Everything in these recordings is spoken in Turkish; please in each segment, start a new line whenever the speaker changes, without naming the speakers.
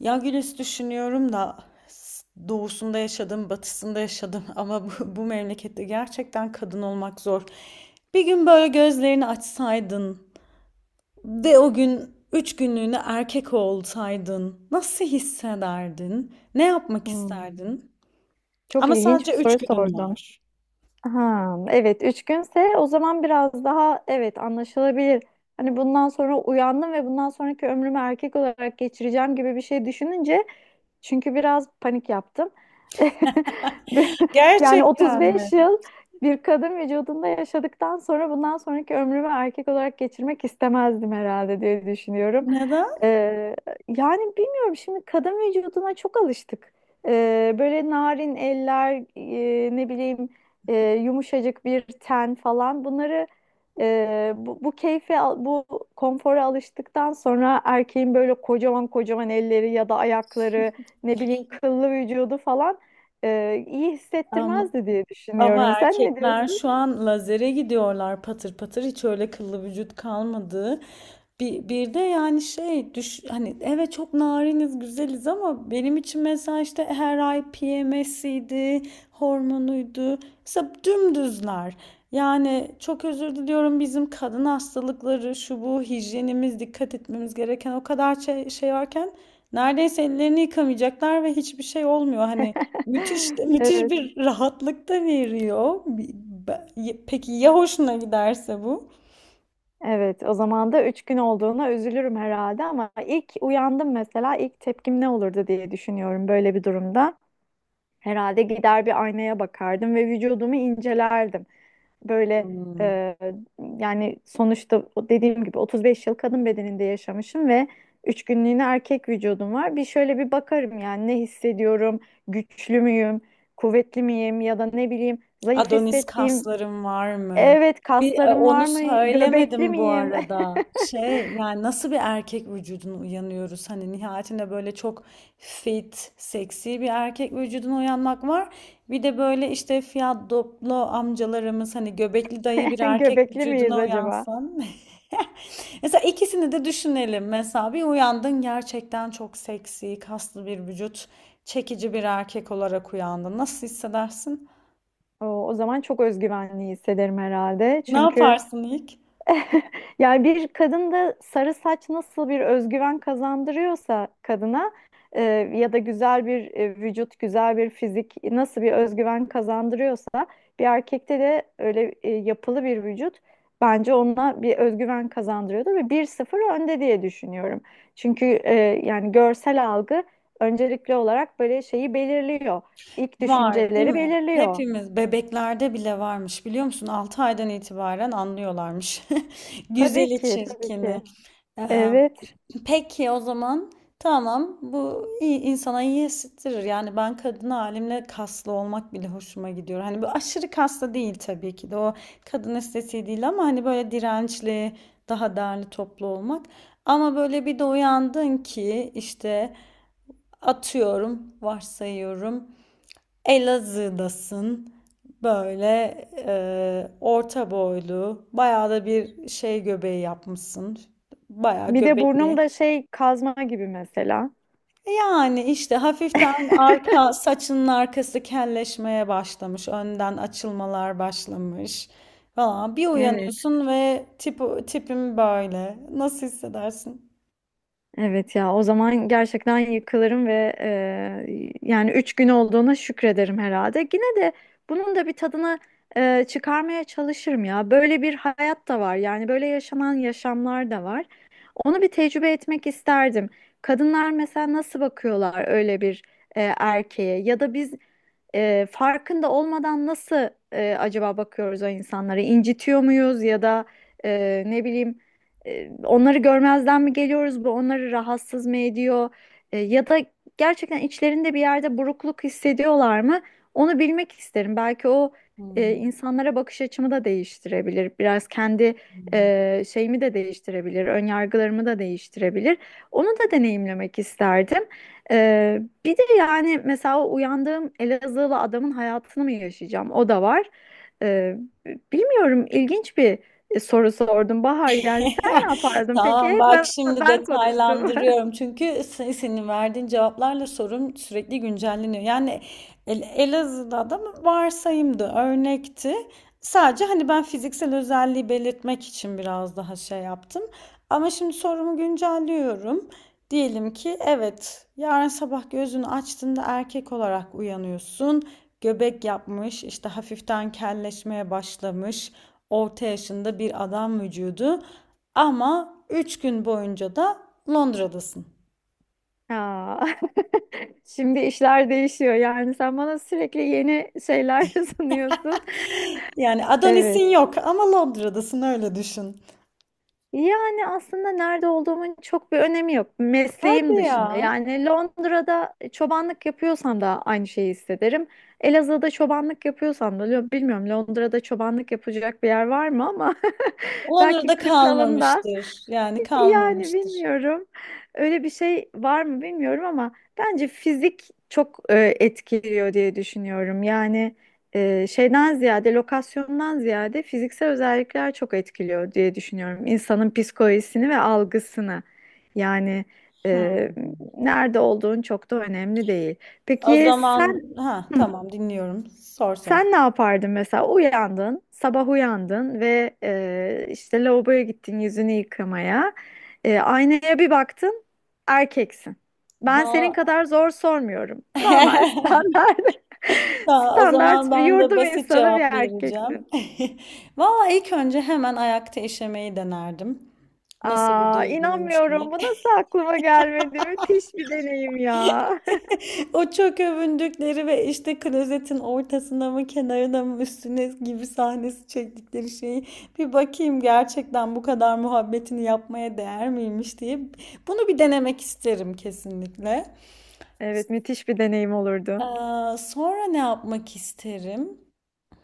Ya Gülis, düşünüyorum da doğusunda yaşadım, batısında yaşadım ama bu memlekette gerçekten kadın olmak zor. Bir gün böyle gözlerini açsaydın ve o gün üç günlüğüne erkek olsaydın nasıl hissederdin? Ne yapmak
Hmm.
isterdin?
Çok
Ama
ilginç bir
sadece
soru
üç günün
sordun.
var.
Ha, evet 3 günse o zaman biraz daha evet anlaşılabilir. Hani bundan sonra uyandım ve bundan sonraki ömrümü erkek olarak geçireceğim gibi bir şey düşününce çünkü biraz panik yaptım. Yani
Gerçekten mi?
35 yıl bir kadın vücudunda yaşadıktan sonra bundan sonraki ömrümü erkek olarak geçirmek istemezdim herhalde diye düşünüyorum.
Neden?
Ee, yani bilmiyorum şimdi kadın vücuduna çok alıştık. Böyle narin eller, ne bileyim, e, yumuşacık bir ten falan. Bunları Bu konfora alıştıktan sonra erkeğin böyle kocaman kocaman elleri ya da ayakları, ne bileyim kıllı vücudu falan iyi hissettirmezdi diye
Ama evet,
düşünüyorum. Sen ne
erkekler
diyorsun?
şu an lazere gidiyorlar, patır patır hiç öyle kıllı vücut kalmadı. Bir de yani şey düş hani evet, çok nariniz, güzeliz ama benim için mesela işte her ay PMS'iydi, hormonuydu. Mesela dümdüzler. Yani çok özür diliyorum, bizim kadın hastalıkları, şu bu, hijyenimiz, dikkat etmemiz gereken o kadar şey varken neredeyse ellerini yıkamayacaklar ve hiçbir şey olmuyor. Hani müthiş müthiş
Evet.
bir rahatlık da veriyor. Be- Peki ya hoşuna giderse bu?
Evet, o zaman da üç gün olduğuna üzülürüm herhalde ama ilk uyandım mesela ilk tepkim ne olurdu diye düşünüyorum böyle bir durumda. Herhalde gider bir aynaya bakardım ve vücudumu incelerdim. Böyle,
Hmm.
e, yani sonuçta o dediğim gibi 35 yıl kadın bedeninde yaşamışım ve üç günlüğüne erkek vücudum var. Bir şöyle bir bakarım yani, ne hissediyorum, güçlü müyüm, kuvvetli miyim ya da ne bileyim zayıf
Adonis
hissettiğim,
kaslarım var mı?
evet
Bir
kaslarım
onu
var mı, göbekli
söylemedim bu
miyim?
arada. Şey, yani nasıl bir erkek vücuduna uyanıyoruz? Hani nihayetinde böyle çok fit, seksi bir erkek vücuduna uyanmak var. Bir de böyle işte fiyadoplo amcalarımız, hani göbekli dayı bir erkek
Göbekli miyiz
vücuduna
acaba?
uyansan. Mesela ikisini de düşünelim. Mesela bir uyandın, gerçekten çok seksi, kaslı bir vücut, çekici bir erkek olarak uyandın. Nasıl hissedersin?
O zaman çok özgüvenli hissederim herhalde.
Ne
Çünkü...
yaparsın ilk?
Yani bir kadında sarı saç nasıl bir özgüven kazandırıyorsa kadına, e, ya da güzel bir güzel bir fizik nasıl bir özgüven kazandırıyorsa, bir erkekte de öyle yapılı bir vücut bence ona bir özgüven kazandırıyordu ve bir sıfır önde diye düşünüyorum. Çünkü yani görsel algı öncelikli olarak böyle şeyi belirliyor. İlk
Var, değil
düşünceleri
mi?
belirliyor.
Hepimiz, bebeklerde bile varmış, biliyor musun? 6 aydan itibaren anlıyorlarmış.
Tabii
Güzeli
ki, tabii ki.
çirkini. Eee,
Evet.
peki o zaman tamam, bu iyi, insana iyi hissettirir. Yani ben kadın halimle kaslı olmak bile hoşuma gidiyor. Hani bu aşırı kaslı değil tabii ki de, o kadın estetiği değil ama hani böyle dirençli, daha derli toplu olmak. Ama böyle bir de uyandın ki işte, atıyorum, varsayıyorum, Elazığ'dasın. Böyle orta boylu, bayağı da bir şey göbeği yapmışsın. Bayağı
Bir de burnum
göbekli.
da şey kazma gibi mesela.
Yani işte hafiften arka saçının arkası kelleşmeye başlamış, önden açılmalar başlamış falan. Bir
Evet,
uyanıyorsun ve tipim böyle. Nasıl hissedersin?
evet ya, o zaman gerçekten yıkılırım ve yani üç gün olduğuna şükrederim herhalde. Yine de bunun da bir tadını çıkarmaya çalışırım ya. Böyle bir hayat da var, yani böyle yaşanan yaşamlar da var. Onu bir tecrübe etmek isterdim. Kadınlar mesela nasıl bakıyorlar öyle bir erkeğe, ya da biz farkında olmadan nasıl, acaba bakıyoruz o insanlara? İncitiyor muyuz ya da, ne bileyim, onları görmezden mi geliyoruz? Bu onları rahatsız mı ediyor? Ya da gerçekten içlerinde bir yerde burukluk hissediyorlar mı? Onu bilmek isterim. Belki o,
Hmm.
insanlara bakış açımı da değiştirebilir. Biraz kendi şeyimi de değiştirebilir. Önyargılarımı da değiştirebilir. Onu da deneyimlemek isterdim. Bir de yani mesela, o uyandığım Elazığlı adamın hayatını mı yaşayacağım? O da var. Ee, bilmiyorum, ilginç bir soru sordum Bahar. Yani sen ne yapardın peki?
Tamam
Hep
bak,
ben,
şimdi
ben konuştum.
detaylandırıyorum. Çünkü senin verdiğin cevaplarla sorum sürekli güncelleniyor. Yani Elazığ'da da mı? Varsayımdı, örnekti. Sadece hani ben fiziksel özelliği belirtmek için biraz daha şey yaptım. Ama şimdi sorumu güncelliyorum. Diyelim ki evet, yarın sabah gözünü açtığında erkek olarak uyanıyorsun. Göbek yapmış, işte hafiften kelleşmeye başlamış, orta yaşında bir adam vücudu, ama 3 gün boyunca da Londra'dasın.
Ya, şimdi işler değişiyor. Yani sen bana sürekli yeni şeyler sunuyorsun.
Yani Adonis'in
Evet.
yok ama Londra'dasın, öyle düşün.
Yani aslında nerede olduğumun çok bir önemi yok.
Hadi
Mesleğim dışında.
ya.
Yani Londra'da çobanlık yapıyorsam da aynı şeyi hissederim. Elazığ'da çobanlık yapıyorsam da, bilmiyorum Londra'da çobanlık yapacak bir yer var mı ama belki
Londra'da
kırsalında,
kalmamıştır. Yani
yani
kalmamıştır.
bilmiyorum. Öyle bir şey var mı bilmiyorum ama bence fizik çok etkiliyor diye düşünüyorum. Yani lokasyondan ziyade fiziksel özellikler çok etkiliyor diye düşünüyorum. İnsanın psikolojisini ve algısını. Yani
Hı.
e, nerede olduğun çok da önemli değil.
O
Peki
zaman
sen...
ha
Hı.
tamam, dinliyorum. Sor sor.
Sen ne yapardın mesela? Sabah uyandın ve işte lavaboya gittin yüzünü yıkamaya. Aynaya bir baktın, erkeksin. Ben senin
Va-
kadar zor sormuyorum. Normal, standart,
Tamam, o zaman
standart bir
ben de
yurdum
basit
insanı bir
cevap vereceğim.
erkeksin.
Valla ilk önce hemen ayakta işemeyi denerdim. Nasıl bir
Aa,
duyguymuş diye.
inanmıyorum. Bu nasıl aklıma gelmedi? Müthiş bir deneyim ya.
O çok övündükleri ve işte klozetin ortasına mı, kenarına mı, üstüne gibi sahnesi çektikleri şeyi bir bakayım, gerçekten bu kadar muhabbetini yapmaya değer miymiş diye, bunu bir denemek isterim kesinlikle.
Evet, müthiş bir deneyim olurdu.
Sonra ne yapmak isterim?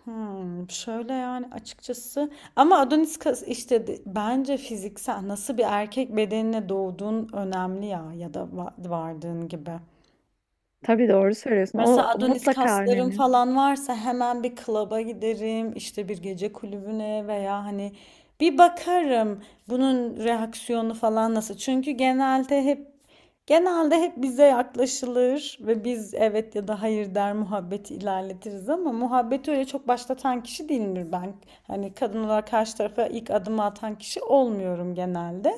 Hmm, şöyle, yani açıkçası, ama Adonis kas- işte de- bence fiziksel, nasıl bir erkek bedenine doğduğun önemli ya, ya da vardığın gibi.
Tabii, doğru söylüyorsun.
Mesela
O
Adonis
mutlaka
kaslarım
önemli.
falan varsa hemen bir klaba giderim, işte bir gece kulübüne, veya hani bir bakarım bunun reaksiyonu falan nasıl. Çünkü genelde hep bize yaklaşılır ve biz evet ya da hayır der, muhabbeti ilerletiriz, ama muhabbeti öyle çok başlatan kişi değilimdir ben. Hani kadın olarak karşı tarafa ilk adımı atan kişi olmuyorum genelde.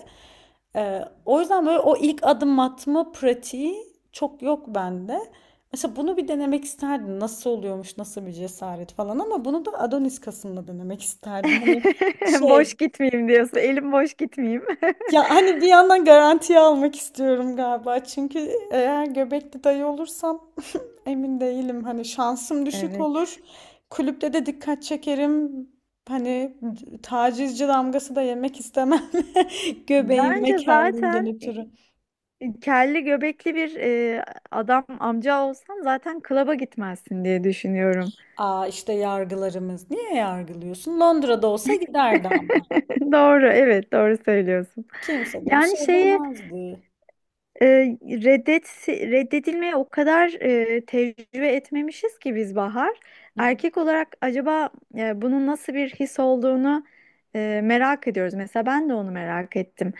Ee, O yüzden böyle o ilk adım atma pratiği çok yok bende. Mesela bunu bir denemek isterdim. Nasıl oluyormuş, nasıl bir cesaret falan, ama bunu da Adonis kasımla denemek isterdim. Hani
Boş
şey,
gitmeyeyim diyorsun. Elim boş gitmeyeyim.
ya hani bir yandan garantiye almak istiyorum galiba. Çünkü eğer göbekli dayı olursam emin değilim. Hani şansım düşük
Evet.
olur. Kulüpte de dikkat çekerim. Hani tacizci damgası da yemek istemem. Göbeğim ve
Bence
kelliğimden
zaten
ötürü.
kelli göbekli bir adam amca olsan zaten klaba gitmezsin diye düşünüyorum.
Aa, işte yargılarımız. Niye yargılıyorsun? Londra'da olsa giderdi,
Doğru, evet doğru söylüyorsun.
kimse de bir
Yani
şey
şeyi,
demezdi.
e, reddedilmeye o kadar tecrübe etmemişiz ki biz Bahar. Erkek olarak acaba bunun nasıl bir his olduğunu merak ediyoruz. Mesela ben de onu merak ettim.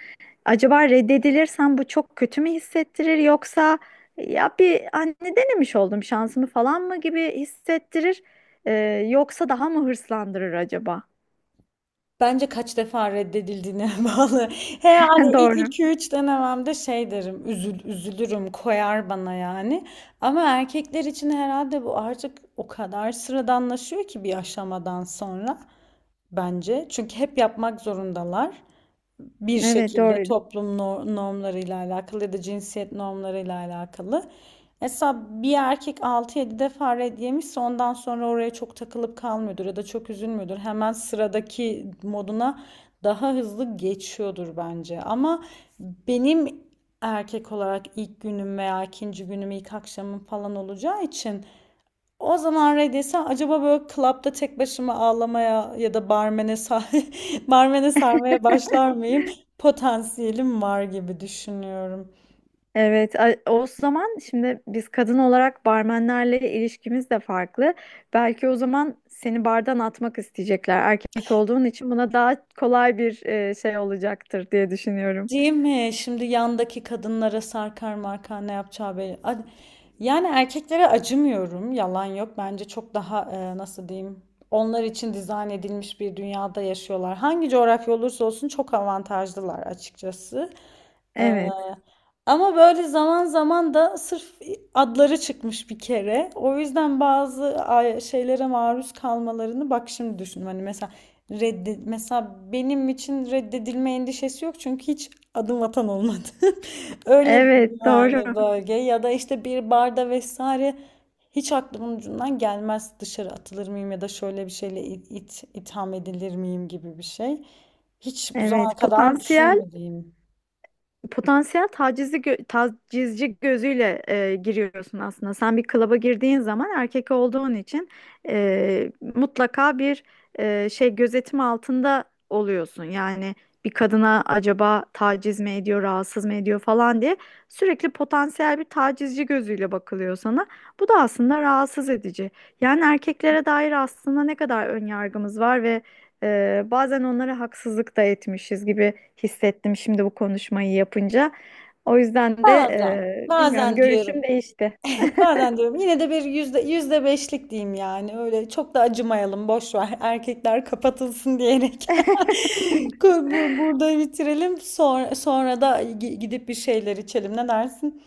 Acaba reddedilirsem bu çok kötü mü hissettirir, yoksa ya bir anne denemiş oldum şansımı falan mı gibi hissettirir, e, yoksa daha mı hırslandırır acaba?
Bence kaç defa reddedildiğine bağlı. He hadi, ilk
Doğru.
iki üç denememde şey derim, üzülürüm, koyar bana yani. Ama erkekler için herhalde bu artık o kadar sıradanlaşıyor ki bir aşamadan sonra, bence. Çünkü hep yapmak zorundalar, bir
Evet,
şekilde
doğru.
toplum normlarıyla alakalı ya da cinsiyet normlarıyla alakalı. Mesela bir erkek 6-7 defa red yemişse ondan sonra oraya çok takılıp kalmıyordur ya da çok üzülmüyordur. Hemen sıradaki moduna daha hızlı geçiyordur bence. Ama benim erkek olarak ilk günüm veya ikinci günüm, ilk akşamım falan olacağı için, o zaman Ray desem, acaba böyle klapta tek başıma ağlamaya ya da barmene sar barmene sarmaya başlar mıyım? Potansiyelim var gibi düşünüyorum.
Evet, o zaman şimdi biz kadın olarak barmenlerle ilişkimiz de farklı. Belki o zaman seni bardan atmak isteyecekler. Erkek olduğun için buna daha kolay bir şey olacaktır diye düşünüyorum.
Değil mi? Şimdi yandaki kadınlara sarkar markar, ne yapacağı belli. Yani erkeklere acımıyorum. Yalan yok. Bence çok daha nasıl diyeyim? Onlar için dizayn edilmiş bir dünyada yaşıyorlar. Hangi coğrafya olursa olsun çok avantajlılar açıkçası. Ee,
Evet.
Ama böyle zaman zaman da sırf adları çıkmış bir kere. O yüzden bazı şeylere maruz kalmalarını, bak şimdi düşündüm. Hani mesela redde mesela benim için reddedilme endişesi yok, çünkü hiç adım atan olmadı. Öyle bir
Evet,
güvenli
doğru.
bölge ya da işte bir barda vesaire, hiç aklımın ucundan gelmez dışarı atılır mıyım ya da şöyle bir şeyle itham edilir miyim gibi bir şey. Hiç bu zamana
Evet,
kadar
potansiyel
düşünmediğim.
potansiyel tacizci, tacizci gözüyle giriyorsun aslında. Sen bir klaba girdiğin zaman erkek olduğun için mutlaka bir şey, gözetim altında oluyorsun. Yani bir kadına acaba taciz mi ediyor, rahatsız mı ediyor falan diye sürekli potansiyel bir tacizci gözüyle bakılıyor sana. Bu da aslında rahatsız edici. Yani erkeklere dair aslında ne kadar ön yargımız var, bazen onlara haksızlık da etmişiz gibi hissettim şimdi bu konuşmayı yapınca. O yüzden de bilmiyorum,
Bazen
görüşüm
diyorum.
değişti.
Bazen diyorum. Yine de bir yüzde beşlik diyeyim yani. Öyle çok da acımayalım. Boş ver. Erkekler kapatılsın diyerek. Burada bitirelim. Sonra da gidip bir şeyler içelim. Ne dersin?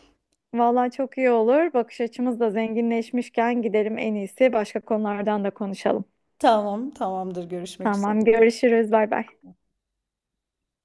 Vallahi çok iyi olur. Bakış açımız da zenginleşmişken gidelim, en iyisi başka konulardan da konuşalım.
Tamam, tamamdır. Görüşmek üzere.
Tamam, görüşürüz. Bay bay.